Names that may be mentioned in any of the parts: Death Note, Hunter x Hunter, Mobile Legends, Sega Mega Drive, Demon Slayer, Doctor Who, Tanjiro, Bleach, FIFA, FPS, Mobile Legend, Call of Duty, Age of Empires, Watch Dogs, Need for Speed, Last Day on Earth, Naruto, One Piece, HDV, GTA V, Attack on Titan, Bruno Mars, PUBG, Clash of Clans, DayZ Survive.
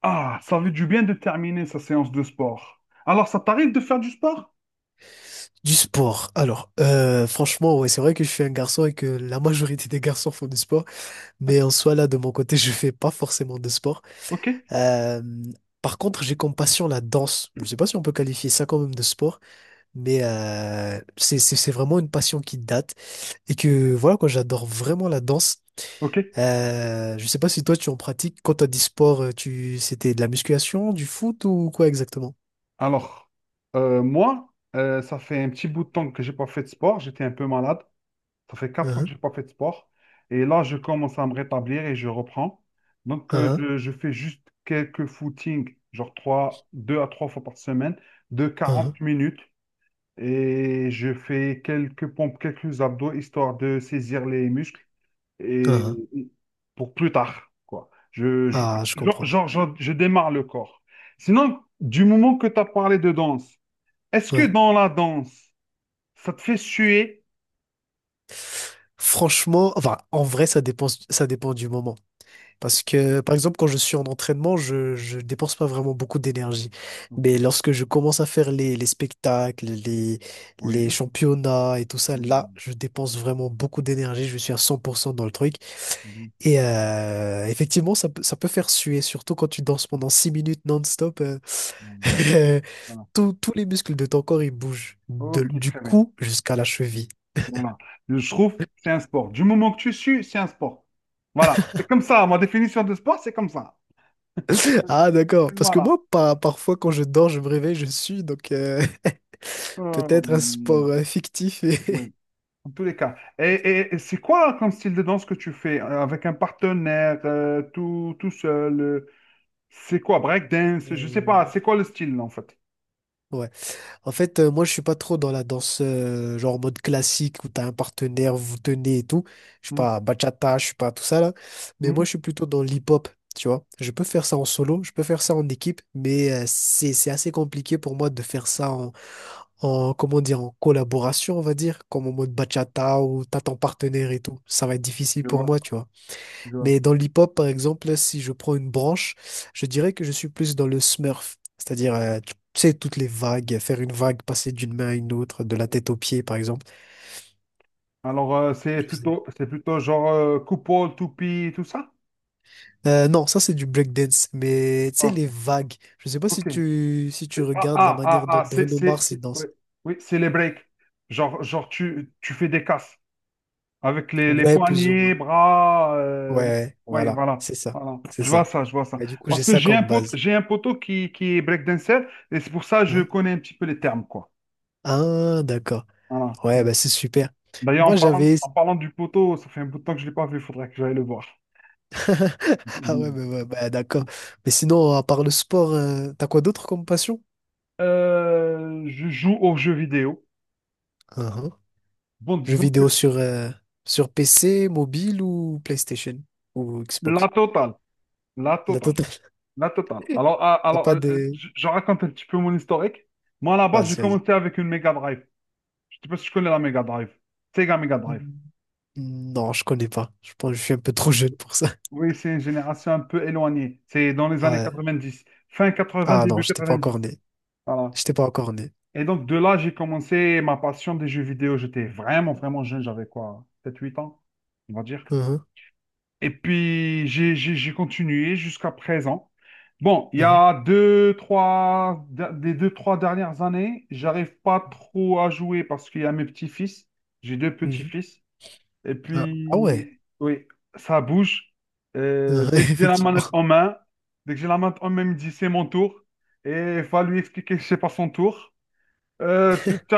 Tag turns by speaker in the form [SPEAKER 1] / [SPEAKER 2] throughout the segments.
[SPEAKER 1] Ah, ça veut du bien de terminer sa séance de sport. Alors, ça t'arrive de faire du sport?
[SPEAKER 2] Du sport. Alors, franchement, ouais, c'est vrai que je suis un garçon et que la majorité des garçons font du sport, mais en soi, là, de mon côté, je fais pas forcément de sport.
[SPEAKER 1] Ok,
[SPEAKER 2] Euh, Par contre, j'ai comme passion la danse. Je sais pas si on peut qualifier ça quand même de sport, mais c'est vraiment une passion qui date et
[SPEAKER 1] ok,
[SPEAKER 2] que voilà, quoi, j'adore vraiment la danse.
[SPEAKER 1] ok.
[SPEAKER 2] Je sais pas si toi, tu en pratiques. Quand t'as dit sport, c'était de la musculation, du foot ou quoi exactement?
[SPEAKER 1] Alors, moi, ça fait un petit bout de temps que j'ai pas fait de sport. J'étais un peu malade. Ça fait 4 ans que
[SPEAKER 2] Uhum,
[SPEAKER 1] j'ai pas fait de sport. Et là, je commence à me rétablir et je reprends. Donc,
[SPEAKER 2] uhum,
[SPEAKER 1] je fais juste quelques footings, genre trois, deux à trois fois par semaine, de quarante
[SPEAKER 2] uhum,
[SPEAKER 1] minutes. Et je fais quelques pompes, quelques abdos, histoire de saisir les muscles. et
[SPEAKER 2] uhum.
[SPEAKER 1] et pour plus tard, quoi. Je,
[SPEAKER 2] Ah, je
[SPEAKER 1] genre,
[SPEAKER 2] comprends.
[SPEAKER 1] genre, genre, je démarre le corps. Sinon, du moment que tu as parlé de danse, est-ce que
[SPEAKER 2] Ouais.
[SPEAKER 1] dans la danse, ça te fait suer?
[SPEAKER 2] Franchement, enfin, en vrai, ça dépend du moment. Parce que, par exemple, quand je suis en entraînement, je dépense pas vraiment beaucoup d'énergie.
[SPEAKER 1] Ok,
[SPEAKER 2] Mais lorsque je commence à faire les spectacles, les
[SPEAKER 1] oui,
[SPEAKER 2] championnats et tout ça,
[SPEAKER 1] oui, bon,
[SPEAKER 2] là, je dépense vraiment beaucoup d'énergie. Je suis à 100% dans le truc.
[SPEAKER 1] oui,
[SPEAKER 2] Et effectivement, ça peut faire suer, surtout quand tu danses pendant 6 minutes non-stop.
[SPEAKER 1] bon, voilà.
[SPEAKER 2] Tous les muscles de ton corps, ils bougent
[SPEAKER 1] Ok,
[SPEAKER 2] du
[SPEAKER 1] très bien.
[SPEAKER 2] cou jusqu'à la cheville.
[SPEAKER 1] Voilà. Je trouve que c'est un sport. Du moment que tu sues, c'est un sport. Voilà. C'est comme ça. Ma définition de sport, c'est comme ça.
[SPEAKER 2] Ah, d'accord. Parce que
[SPEAKER 1] Voilà.
[SPEAKER 2] moi, parfois, quand je dors, je me réveille, je suis. Donc,
[SPEAKER 1] Euh,
[SPEAKER 2] peut-être un sport fictif.
[SPEAKER 1] oui. En tous les cas. Et c'est quoi comme style de danse que tu fais? Avec un partenaire, tout seul? C'est quoi? Breakdance? Je sais pas.
[SPEAKER 2] Euh,
[SPEAKER 1] C'est quoi le style, en fait?
[SPEAKER 2] ouais. En fait, moi, je suis pas trop dans la danse, genre en mode classique où t'as un partenaire, vous tenez et tout. Je suis
[SPEAKER 1] Hmm.
[SPEAKER 2] pas bachata, je suis pas tout ça là. Mais moi,
[SPEAKER 1] Hmm.
[SPEAKER 2] je suis plutôt dans l'hip-hop, tu vois. Je peux faire ça en solo, je peux faire ça en équipe, mais c'est assez compliqué pour moi de faire ça en, comment dire, en collaboration, on va dire, comme en mode bachata où t'as ton partenaire et tout. Ça va être difficile
[SPEAKER 1] Je
[SPEAKER 2] pour
[SPEAKER 1] vois,
[SPEAKER 2] moi, tu vois.
[SPEAKER 1] je vois.
[SPEAKER 2] Mais dans l'hip-hop, par exemple, si je prends une branche, je dirais que je suis plus dans le smurf. C'est-à-dire, tu sais, toutes les vagues, faire une vague, passer d'une main à une autre, de la tête aux pieds, par exemple.
[SPEAKER 1] Alors, c'est
[SPEAKER 2] Je sais.
[SPEAKER 1] plutôt, c'est plutôt genre coupole, toupie, tout ça?
[SPEAKER 2] Non, ça c'est du breakdance, mais tu sais,
[SPEAKER 1] Ok.
[SPEAKER 2] les vagues. Je sais pas si
[SPEAKER 1] Ok.
[SPEAKER 2] tu, si tu
[SPEAKER 1] Ah,
[SPEAKER 2] regardes la
[SPEAKER 1] ah, ah,
[SPEAKER 2] manière dont
[SPEAKER 1] ah,
[SPEAKER 2] Bruno Mars il danse.
[SPEAKER 1] ouais. Oui, c'est les breaks. Genre tu fais des casses. Avec les
[SPEAKER 2] Ouais, plus ou
[SPEAKER 1] poignets,
[SPEAKER 2] moins.
[SPEAKER 1] bras.
[SPEAKER 2] Ouais,
[SPEAKER 1] Oui,
[SPEAKER 2] voilà,
[SPEAKER 1] voilà,
[SPEAKER 2] c'est ça,
[SPEAKER 1] voilà.
[SPEAKER 2] c'est
[SPEAKER 1] Je vois
[SPEAKER 2] ça.
[SPEAKER 1] ça, je vois ça.
[SPEAKER 2] Et du coup, j'ai
[SPEAKER 1] Parce que
[SPEAKER 2] ça
[SPEAKER 1] j'ai un
[SPEAKER 2] comme
[SPEAKER 1] pote,
[SPEAKER 2] base.
[SPEAKER 1] j'ai un poteau qui est breakdancer et c'est pour ça que je
[SPEAKER 2] Hein?
[SPEAKER 1] connais un petit peu les termes, quoi.
[SPEAKER 2] Ah, d'accord.
[SPEAKER 1] Voilà.
[SPEAKER 2] Ouais, bah c'est super.
[SPEAKER 1] D'ailleurs, en
[SPEAKER 2] Moi,
[SPEAKER 1] parlant,
[SPEAKER 2] j'avais,
[SPEAKER 1] en parlant du poteau, ça fait un bout de temps que je ne l'ai pas vu, il faudrait que j'aille le voir.
[SPEAKER 2] ah ouais, mais, ouais, bah, d'accord. Mais sinon, à part le sport, t'as quoi d'autre comme passion?
[SPEAKER 1] Je joue aux jeux vidéo.
[SPEAKER 2] Uhum.
[SPEAKER 1] Bon,
[SPEAKER 2] Jeux
[SPEAKER 1] disons que
[SPEAKER 2] vidéo sur PC, mobile ou PlayStation ou Xbox?
[SPEAKER 1] la totale, la
[SPEAKER 2] La
[SPEAKER 1] totale,
[SPEAKER 2] totale.
[SPEAKER 1] la totale. Alors, ah,
[SPEAKER 2] T'as
[SPEAKER 1] alors
[SPEAKER 2] pas de...
[SPEAKER 1] je raconte un petit peu mon historique. Moi, à la base, j'ai
[SPEAKER 2] Vas-y, vas-y.
[SPEAKER 1] commencé avec une Mega Drive. Je sais pas si tu connais la Mega Drive. Sega Mega Drive.
[SPEAKER 2] Hmm, non, je connais pas. Je pense que je suis un peu trop jeune pour ça.
[SPEAKER 1] Oui, c'est une génération un peu éloignée. C'est dans les années
[SPEAKER 2] Ouais.
[SPEAKER 1] 90. Fin 80,
[SPEAKER 2] Ah non,
[SPEAKER 1] début
[SPEAKER 2] j'étais pas encore
[SPEAKER 1] 90.
[SPEAKER 2] né.
[SPEAKER 1] Voilà.
[SPEAKER 2] J'étais pas encore né.
[SPEAKER 1] Et donc, de là, j'ai commencé ma passion des jeux vidéo. J'étais vraiment, vraiment jeune. J'avais quoi? 7, 8 ans, on va dire.
[SPEAKER 2] Uhum,
[SPEAKER 1] Et puis, j'ai continué jusqu'à présent. Bon, il y
[SPEAKER 2] uhum,
[SPEAKER 1] a des deux, trois dernières années, j'arrive pas trop à jouer parce qu'il y a mes petits-fils. J'ai deux
[SPEAKER 2] mhm.
[SPEAKER 1] petits-fils. Et
[SPEAKER 2] Ah, ah
[SPEAKER 1] puis,
[SPEAKER 2] ouais.
[SPEAKER 1] oui, ça bouge. Euh,
[SPEAKER 2] Uhum,
[SPEAKER 1] dès que j'ai la manette
[SPEAKER 2] effectivement.
[SPEAKER 1] en main, dès que j'ai la manette en main, il me dit c'est mon tour. Et il faut lui expliquer que c'est pas son tour. Tu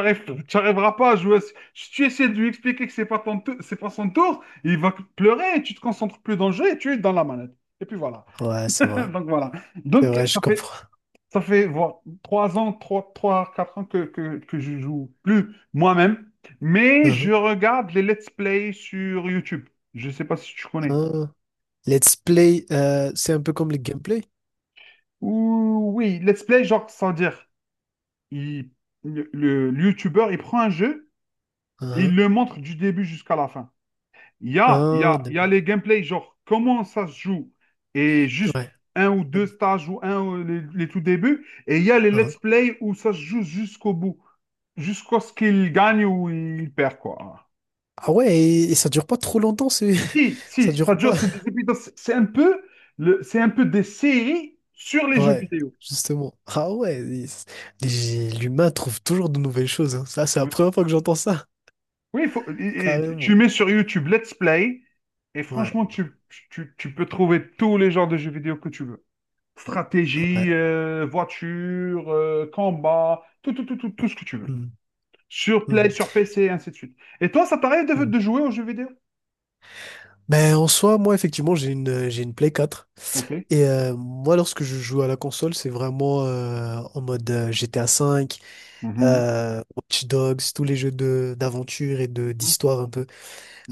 [SPEAKER 1] n'arriveras pas à jouer. Si tu essaies de lui expliquer que c'est pas son tour, il va pleurer et tu te concentres plus dans le jeu et tu es dans la manette. Et puis voilà.
[SPEAKER 2] Ouais, c'est vrai.
[SPEAKER 1] Donc voilà.
[SPEAKER 2] C'est
[SPEAKER 1] Donc
[SPEAKER 2] vrai, je
[SPEAKER 1] ça fait
[SPEAKER 2] comprends.
[SPEAKER 1] ça fait voilà, 3 ans, 4 ans que je joue plus moi-même, mais
[SPEAKER 2] Uhum.
[SPEAKER 1] je regarde les let's play sur YouTube. Je sais pas si tu connais.
[SPEAKER 2] Ah. Let's play, c'est un peu comme le gameplay.
[SPEAKER 1] Ouh, oui, let's play, genre, sans dire, il- le YouTuber, il prend un jeu, et il
[SPEAKER 2] Ah,
[SPEAKER 1] le montre du début jusqu'à la fin.
[SPEAKER 2] ah. Ah,
[SPEAKER 1] Il y a
[SPEAKER 2] d'accord.
[SPEAKER 1] les gameplays, genre comment ça se joue, et juste
[SPEAKER 2] Ouais.
[SPEAKER 1] un ou
[SPEAKER 2] Ah,
[SPEAKER 1] deux stages ou un ou les tout débuts, et il y a les let's
[SPEAKER 2] ah.
[SPEAKER 1] play où ça se joue jusqu'au bout, jusqu'à ce qu'il gagne ou il perd, quoi.
[SPEAKER 2] Ah ouais, et ça dure pas trop longtemps,
[SPEAKER 1] Si,
[SPEAKER 2] ça
[SPEAKER 1] si, ça
[SPEAKER 2] dure
[SPEAKER 1] dure,
[SPEAKER 2] pas.
[SPEAKER 1] c'est des épisodes, c'est un peu, c'est un peu des séries sur les jeux
[SPEAKER 2] Ouais,
[SPEAKER 1] vidéo.
[SPEAKER 2] justement. Ah ouais, l'humain trouve toujours de nouvelles choses. Hein. Ça, c'est la
[SPEAKER 1] Oui,
[SPEAKER 2] première fois que j'entends ça.
[SPEAKER 1] oui, il faut, et tu
[SPEAKER 2] Carrément.
[SPEAKER 1] mets sur YouTube let's play, et
[SPEAKER 2] Ouais,
[SPEAKER 1] franchement, tu peux trouver tous les genres de jeux vidéo que tu veux. Stratégie,
[SPEAKER 2] ouais.
[SPEAKER 1] voiture, combat, tout ce que tu veux.
[SPEAKER 2] Mhm,
[SPEAKER 1] Sur Play,
[SPEAKER 2] mhm,
[SPEAKER 1] sur PC, ainsi de suite. Et toi, ça t'arrive de,
[SPEAKER 2] mhm.
[SPEAKER 1] de jouer aux jeux vidéo?
[SPEAKER 2] Ben, en soi, moi, effectivement, j'ai une Play 4.
[SPEAKER 1] Ok.
[SPEAKER 2] Et moi, lorsque je joue à la console, c'est vraiment en mode GTA V.
[SPEAKER 1] Mhm,
[SPEAKER 2] Watch Dogs, tous les jeux de d'aventure et de
[SPEAKER 1] mhm,
[SPEAKER 2] d'histoire un peu.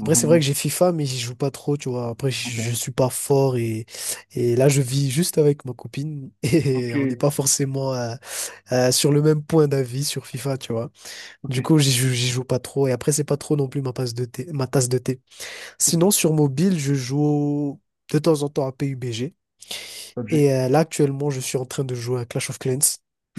[SPEAKER 2] Après, c'est vrai que j'ai FIFA, mais j'y joue pas trop, tu vois. Après, je,
[SPEAKER 1] Ok.
[SPEAKER 2] je suis pas fort et là, je vis juste avec ma copine et on n'est
[SPEAKER 1] Ok.
[SPEAKER 2] pas forcément sur le même point d'avis sur FIFA, tu vois.
[SPEAKER 1] Ok.
[SPEAKER 2] Du coup, j'y joue pas trop et après, c'est pas trop non plus ma tasse de thé, ma tasse de thé.
[SPEAKER 1] Ok.
[SPEAKER 2] Sinon, sur mobile, je joue de temps en temps à PUBG.
[SPEAKER 1] Objet.
[SPEAKER 2] Et là, actuellement, je suis en train de jouer à Clash of Clans.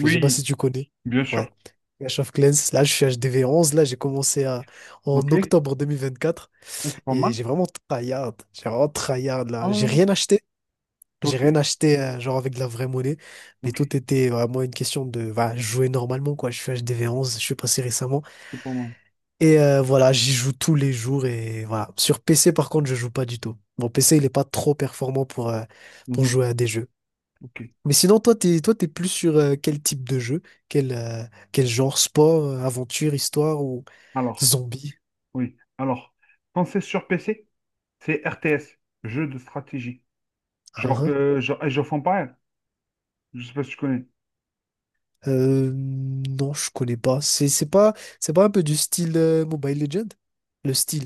[SPEAKER 2] Je sais pas si tu connais.
[SPEAKER 1] bien
[SPEAKER 2] Ouais.
[SPEAKER 1] sûr.
[SPEAKER 2] Clash of Clans. Là, je suis HDV 11. Là, j'ai commencé en
[SPEAKER 1] Ok. Mais
[SPEAKER 2] octobre 2024.
[SPEAKER 1] c'est pas
[SPEAKER 2] Et
[SPEAKER 1] mal.
[SPEAKER 2] j'ai vraiment tryhard. J'ai vraiment tryhard, là. J'ai
[SPEAKER 1] Ah,
[SPEAKER 2] rien acheté. J'ai
[SPEAKER 1] ok.
[SPEAKER 2] rien acheté, genre avec de la vraie monnaie. Mais
[SPEAKER 1] Ok.
[SPEAKER 2] tout était vraiment une question de bah, jouer normalement, quoi. Je suis HDV 11. Je suis passé récemment.
[SPEAKER 1] C'est pas mal.
[SPEAKER 2] Et voilà, j'y joue tous les jours. Et voilà. Sur PC, par contre, je joue pas du tout. Mon PC, il est pas trop performant pour
[SPEAKER 1] Mhm,
[SPEAKER 2] jouer à des jeux.
[SPEAKER 1] ok.
[SPEAKER 2] Mais sinon, toi, t'es plus sur quel type de jeu? Quel, euh, quel genre? Sport, aventure, histoire ou
[SPEAKER 1] Alors,
[SPEAKER 2] zombie?
[SPEAKER 1] oui. Alors, quand c'est sur PC, c'est RTS, jeu de stratégie.
[SPEAKER 2] Hein,
[SPEAKER 1] Genre,
[SPEAKER 2] hein.
[SPEAKER 1] euh, genre Age of Empires. Je sais pas si tu connais.
[SPEAKER 2] Non, je connais pas. C'est pas un peu du style Mobile Legend? Le style,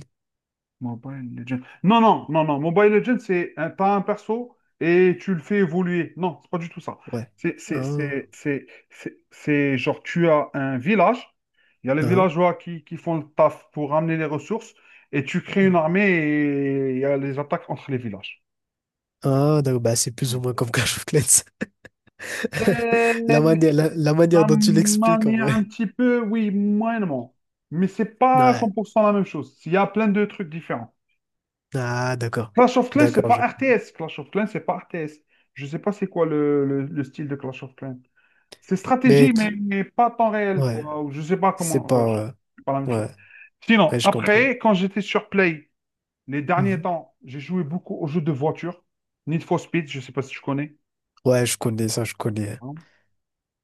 [SPEAKER 1] Mobile Legends. Non, non, non, non. Mobile Legends, t'as un perso et tu le fais évoluer. Non, c'est pas du tout ça.
[SPEAKER 2] ouais.
[SPEAKER 1] C'est, c'est,
[SPEAKER 2] Hein,
[SPEAKER 1] c'est, c'est, c'est- c'est genre, tu as un village, il y a les
[SPEAKER 2] hein,
[SPEAKER 1] villageois qui font le taf pour ramener les ressources et tu crées une
[SPEAKER 2] hein.
[SPEAKER 1] armée et il y a les attaques entre les villages.
[SPEAKER 2] Ah, d'accord, bah, c'est plus ou
[SPEAKER 1] Voilà.
[SPEAKER 2] moins comme Clash of Clans.
[SPEAKER 1] Euh,
[SPEAKER 2] La manière, la manière
[SPEAKER 1] la
[SPEAKER 2] dont tu l'expliques, en
[SPEAKER 1] manière
[SPEAKER 2] vrai.
[SPEAKER 1] un petit peu, oui, moyennement. Mais c'est pas
[SPEAKER 2] Ouais.
[SPEAKER 1] 100% la même chose. Il y a plein de trucs différents.
[SPEAKER 2] Ah, d'accord.
[SPEAKER 1] Clash of Clans, c'est
[SPEAKER 2] D'accord,
[SPEAKER 1] pas
[SPEAKER 2] je comprends.
[SPEAKER 1] RTS. Clash of Clans, c'est pas RTS. Je sais pas c'est quoi le style de Clash of Clans. C'est
[SPEAKER 2] Mais,
[SPEAKER 1] stratégie, mais, mais pas temps réel,
[SPEAKER 2] ouais,
[SPEAKER 1] quoi. Ou je sais pas
[SPEAKER 2] c'est
[SPEAKER 1] comment. Enfin,
[SPEAKER 2] pas...
[SPEAKER 1] c'est pas la même chose.
[SPEAKER 2] ouais,
[SPEAKER 1] Sinon,
[SPEAKER 2] ouais, je comprends.
[SPEAKER 1] après, quand j'étais sur Play, les derniers temps, j'ai joué beaucoup aux jeux de voiture. Need for Speed, je sais pas si tu connais.
[SPEAKER 2] Ouais, je connais ça, je connais.
[SPEAKER 1] Non.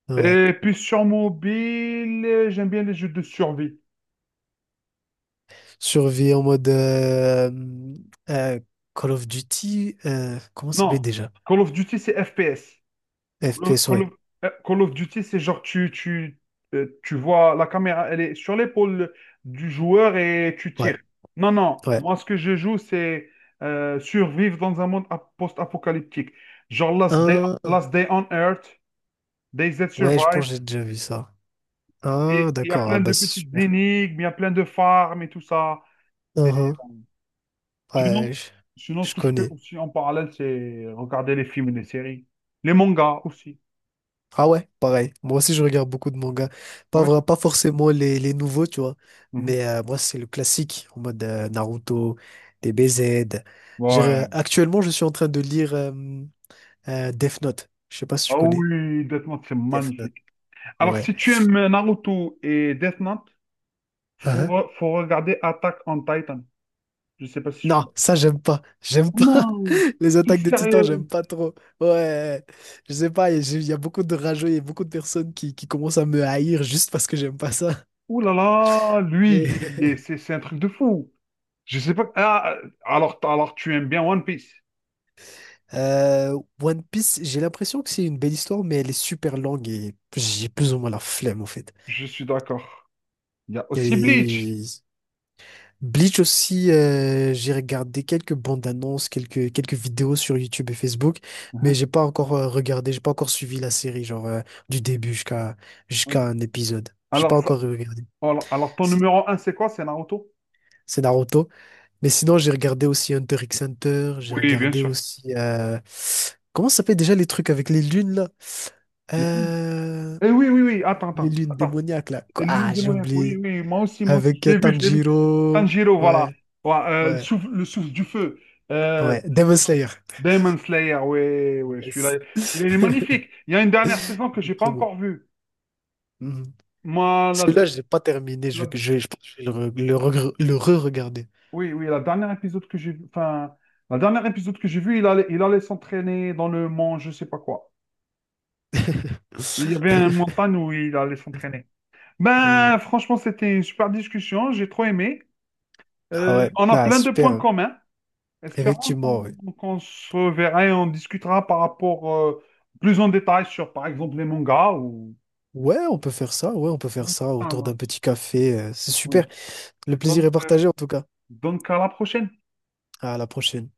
[SPEAKER 2] Ouais.
[SPEAKER 1] Et puis sur mobile, j'aime bien les jeux de survie.
[SPEAKER 2] Survie en mode euh, Call of Duty, comment ça s'appelle
[SPEAKER 1] Non,
[SPEAKER 2] déjà?
[SPEAKER 1] Call of Duty, c'est FPS. Call of,
[SPEAKER 2] FPS,
[SPEAKER 1] Call
[SPEAKER 2] ouais.
[SPEAKER 1] of- Call of Duty, c'est genre tu vois la caméra, elle est sur l'épaule du joueur et tu tires.
[SPEAKER 2] Ouais,
[SPEAKER 1] Non, non,
[SPEAKER 2] ouais.
[SPEAKER 1] moi ce que je joue, c'est survivre dans un monde post-apocalyptique. Genre
[SPEAKER 2] Un,
[SPEAKER 1] Last Day on Earth, DayZ
[SPEAKER 2] ouais, je pense
[SPEAKER 1] Survive,
[SPEAKER 2] que j'ai déjà vu ça.
[SPEAKER 1] et
[SPEAKER 2] Ah,
[SPEAKER 1] il y a
[SPEAKER 2] d'accord, ah
[SPEAKER 1] plein
[SPEAKER 2] bah
[SPEAKER 1] de
[SPEAKER 2] c'est
[SPEAKER 1] petites
[SPEAKER 2] super.
[SPEAKER 1] énigmes, il y a plein de farms et tout ça. C'est-
[SPEAKER 2] Un, Ouais,
[SPEAKER 1] Sinon,
[SPEAKER 2] je,
[SPEAKER 1] ce
[SPEAKER 2] je
[SPEAKER 1] que je fais
[SPEAKER 2] connais.
[SPEAKER 1] aussi en parallèle, c'est regarder les films et les séries. Les mangas aussi.
[SPEAKER 2] Ah ouais, pareil. Moi aussi, je regarde beaucoup de mangas.
[SPEAKER 1] Ah
[SPEAKER 2] Pas
[SPEAKER 1] oui?
[SPEAKER 2] vrai, pas forcément les nouveaux, tu vois.
[SPEAKER 1] Mhm,
[SPEAKER 2] Mais moi, c'est le classique, en mode Naruto, les
[SPEAKER 1] bien sûr.
[SPEAKER 2] BZ.
[SPEAKER 1] Ouais,
[SPEAKER 2] Actuellement, je suis en train de lire. Death Note. Je sais pas si tu
[SPEAKER 1] ah
[SPEAKER 2] connais.
[SPEAKER 1] oui, Death Note, c'est
[SPEAKER 2] Death Note.
[SPEAKER 1] magnifique. Alors,
[SPEAKER 2] Ouais.
[SPEAKER 1] si tu aimes Naruto et Death Note,
[SPEAKER 2] Hein?
[SPEAKER 1] faut regarder Attack on Titan. Je sais pas si tu...
[SPEAKER 2] Non, ça, j'aime pas. J'aime pas.
[SPEAKER 1] Non,
[SPEAKER 2] Les
[SPEAKER 1] t'es
[SPEAKER 2] attaques des titans, j'aime
[SPEAKER 1] sérieux?
[SPEAKER 2] pas trop. Ouais. Je sais pas, il y a beaucoup de rageux, il y a beaucoup de personnes qui commencent à me haïr juste parce que j'aime pas ça.
[SPEAKER 1] Ouh là là, lui,
[SPEAKER 2] Mais
[SPEAKER 1] c'est un truc de fou. Je sais pas... Ah, alors, tu aimes bien One Piece.
[SPEAKER 2] One Piece, j'ai l'impression que c'est une belle histoire, mais elle est super longue et j'ai plus ou moins la flemme, en fait.
[SPEAKER 1] Je suis d'accord. Il y a
[SPEAKER 2] Elle
[SPEAKER 1] aussi Bleach.
[SPEAKER 2] est- Bleach aussi, j'ai regardé quelques bandes annonces, quelques vidéos sur YouTube et Facebook, mais
[SPEAKER 1] Hein,
[SPEAKER 2] j'ai pas encore regardé, j'ai pas encore suivi la série, genre du début
[SPEAKER 1] hein.
[SPEAKER 2] jusqu'à un épisode. J'ai
[SPEAKER 1] Alors,
[SPEAKER 2] pas encore regardé.
[SPEAKER 1] ton
[SPEAKER 2] C'est
[SPEAKER 1] numéro un, c'est quoi? C'est Naruto?
[SPEAKER 2] c'est Naruto. Mais sinon, j'ai regardé aussi Hunter x Hunter, j'ai
[SPEAKER 1] Oui, bien
[SPEAKER 2] regardé
[SPEAKER 1] sûr.
[SPEAKER 2] aussi. Comment ça s'appelle déjà les trucs avec les lunes là? Euh,
[SPEAKER 1] Eh oui, oui, oui, attends,
[SPEAKER 2] Les
[SPEAKER 1] attends.
[SPEAKER 2] lunes
[SPEAKER 1] Attends.
[SPEAKER 2] démoniaques là.
[SPEAKER 1] Et
[SPEAKER 2] Quoi
[SPEAKER 1] l'huile
[SPEAKER 2] Ah,
[SPEAKER 1] de
[SPEAKER 2] j'ai
[SPEAKER 1] Monaco, oui,
[SPEAKER 2] oublié.
[SPEAKER 1] oui, moi aussi,
[SPEAKER 2] Avec
[SPEAKER 1] je l'ai vu, je l'ai vu.
[SPEAKER 2] Tanjiro.
[SPEAKER 1] Tanjiro, voilà.
[SPEAKER 2] Ouais,
[SPEAKER 1] Ouais,
[SPEAKER 2] ouais,
[SPEAKER 1] le souffle du feu. Euh,
[SPEAKER 2] ouais. Demon Slayer.
[SPEAKER 1] Demon Slayer, oui, oui,
[SPEAKER 2] Yes.
[SPEAKER 1] celui-là, il est magnifique. Il y a une dernière saison que j'ai pas
[SPEAKER 2] Très bon.
[SPEAKER 1] encore vue.
[SPEAKER 2] Mhm.
[SPEAKER 1] Moi,
[SPEAKER 2] Celui-là, je l'ai pas terminé.
[SPEAKER 1] la-
[SPEAKER 2] Je pense que je vais le, re, le regre- le re-regarder.
[SPEAKER 1] oui, oui, la dernière épisode que j'ai vu, enfin, la dernière épisode que j'ai vu, il allait s'entraîner dans le mont, je sais pas quoi. Il y avait une montagne où il allait s'entraîner.
[SPEAKER 2] Euh,
[SPEAKER 1] Ben, franchement, c'était une super discussion, j'ai trop aimé.
[SPEAKER 2] ah
[SPEAKER 1] Euh,
[SPEAKER 2] ouais.
[SPEAKER 1] on a
[SPEAKER 2] Ah,
[SPEAKER 1] plein de points
[SPEAKER 2] super.
[SPEAKER 1] communs. Espérons
[SPEAKER 2] Effectivement, ouais.
[SPEAKER 1] qu'on se verra et on discutera par rapport plus en détail sur, par exemple, les mangas ou...
[SPEAKER 2] Ouais, on peut faire ça. Ouais, on peut faire
[SPEAKER 1] Oui,
[SPEAKER 2] ça
[SPEAKER 1] ça
[SPEAKER 2] autour d'un
[SPEAKER 1] marche.
[SPEAKER 2] petit café. C'est super.
[SPEAKER 1] Oui.
[SPEAKER 2] Le plaisir
[SPEAKER 1] Donc,
[SPEAKER 2] est
[SPEAKER 1] euh,
[SPEAKER 2] partagé, en tout cas.
[SPEAKER 1] donc, à la prochaine.
[SPEAKER 2] À la prochaine.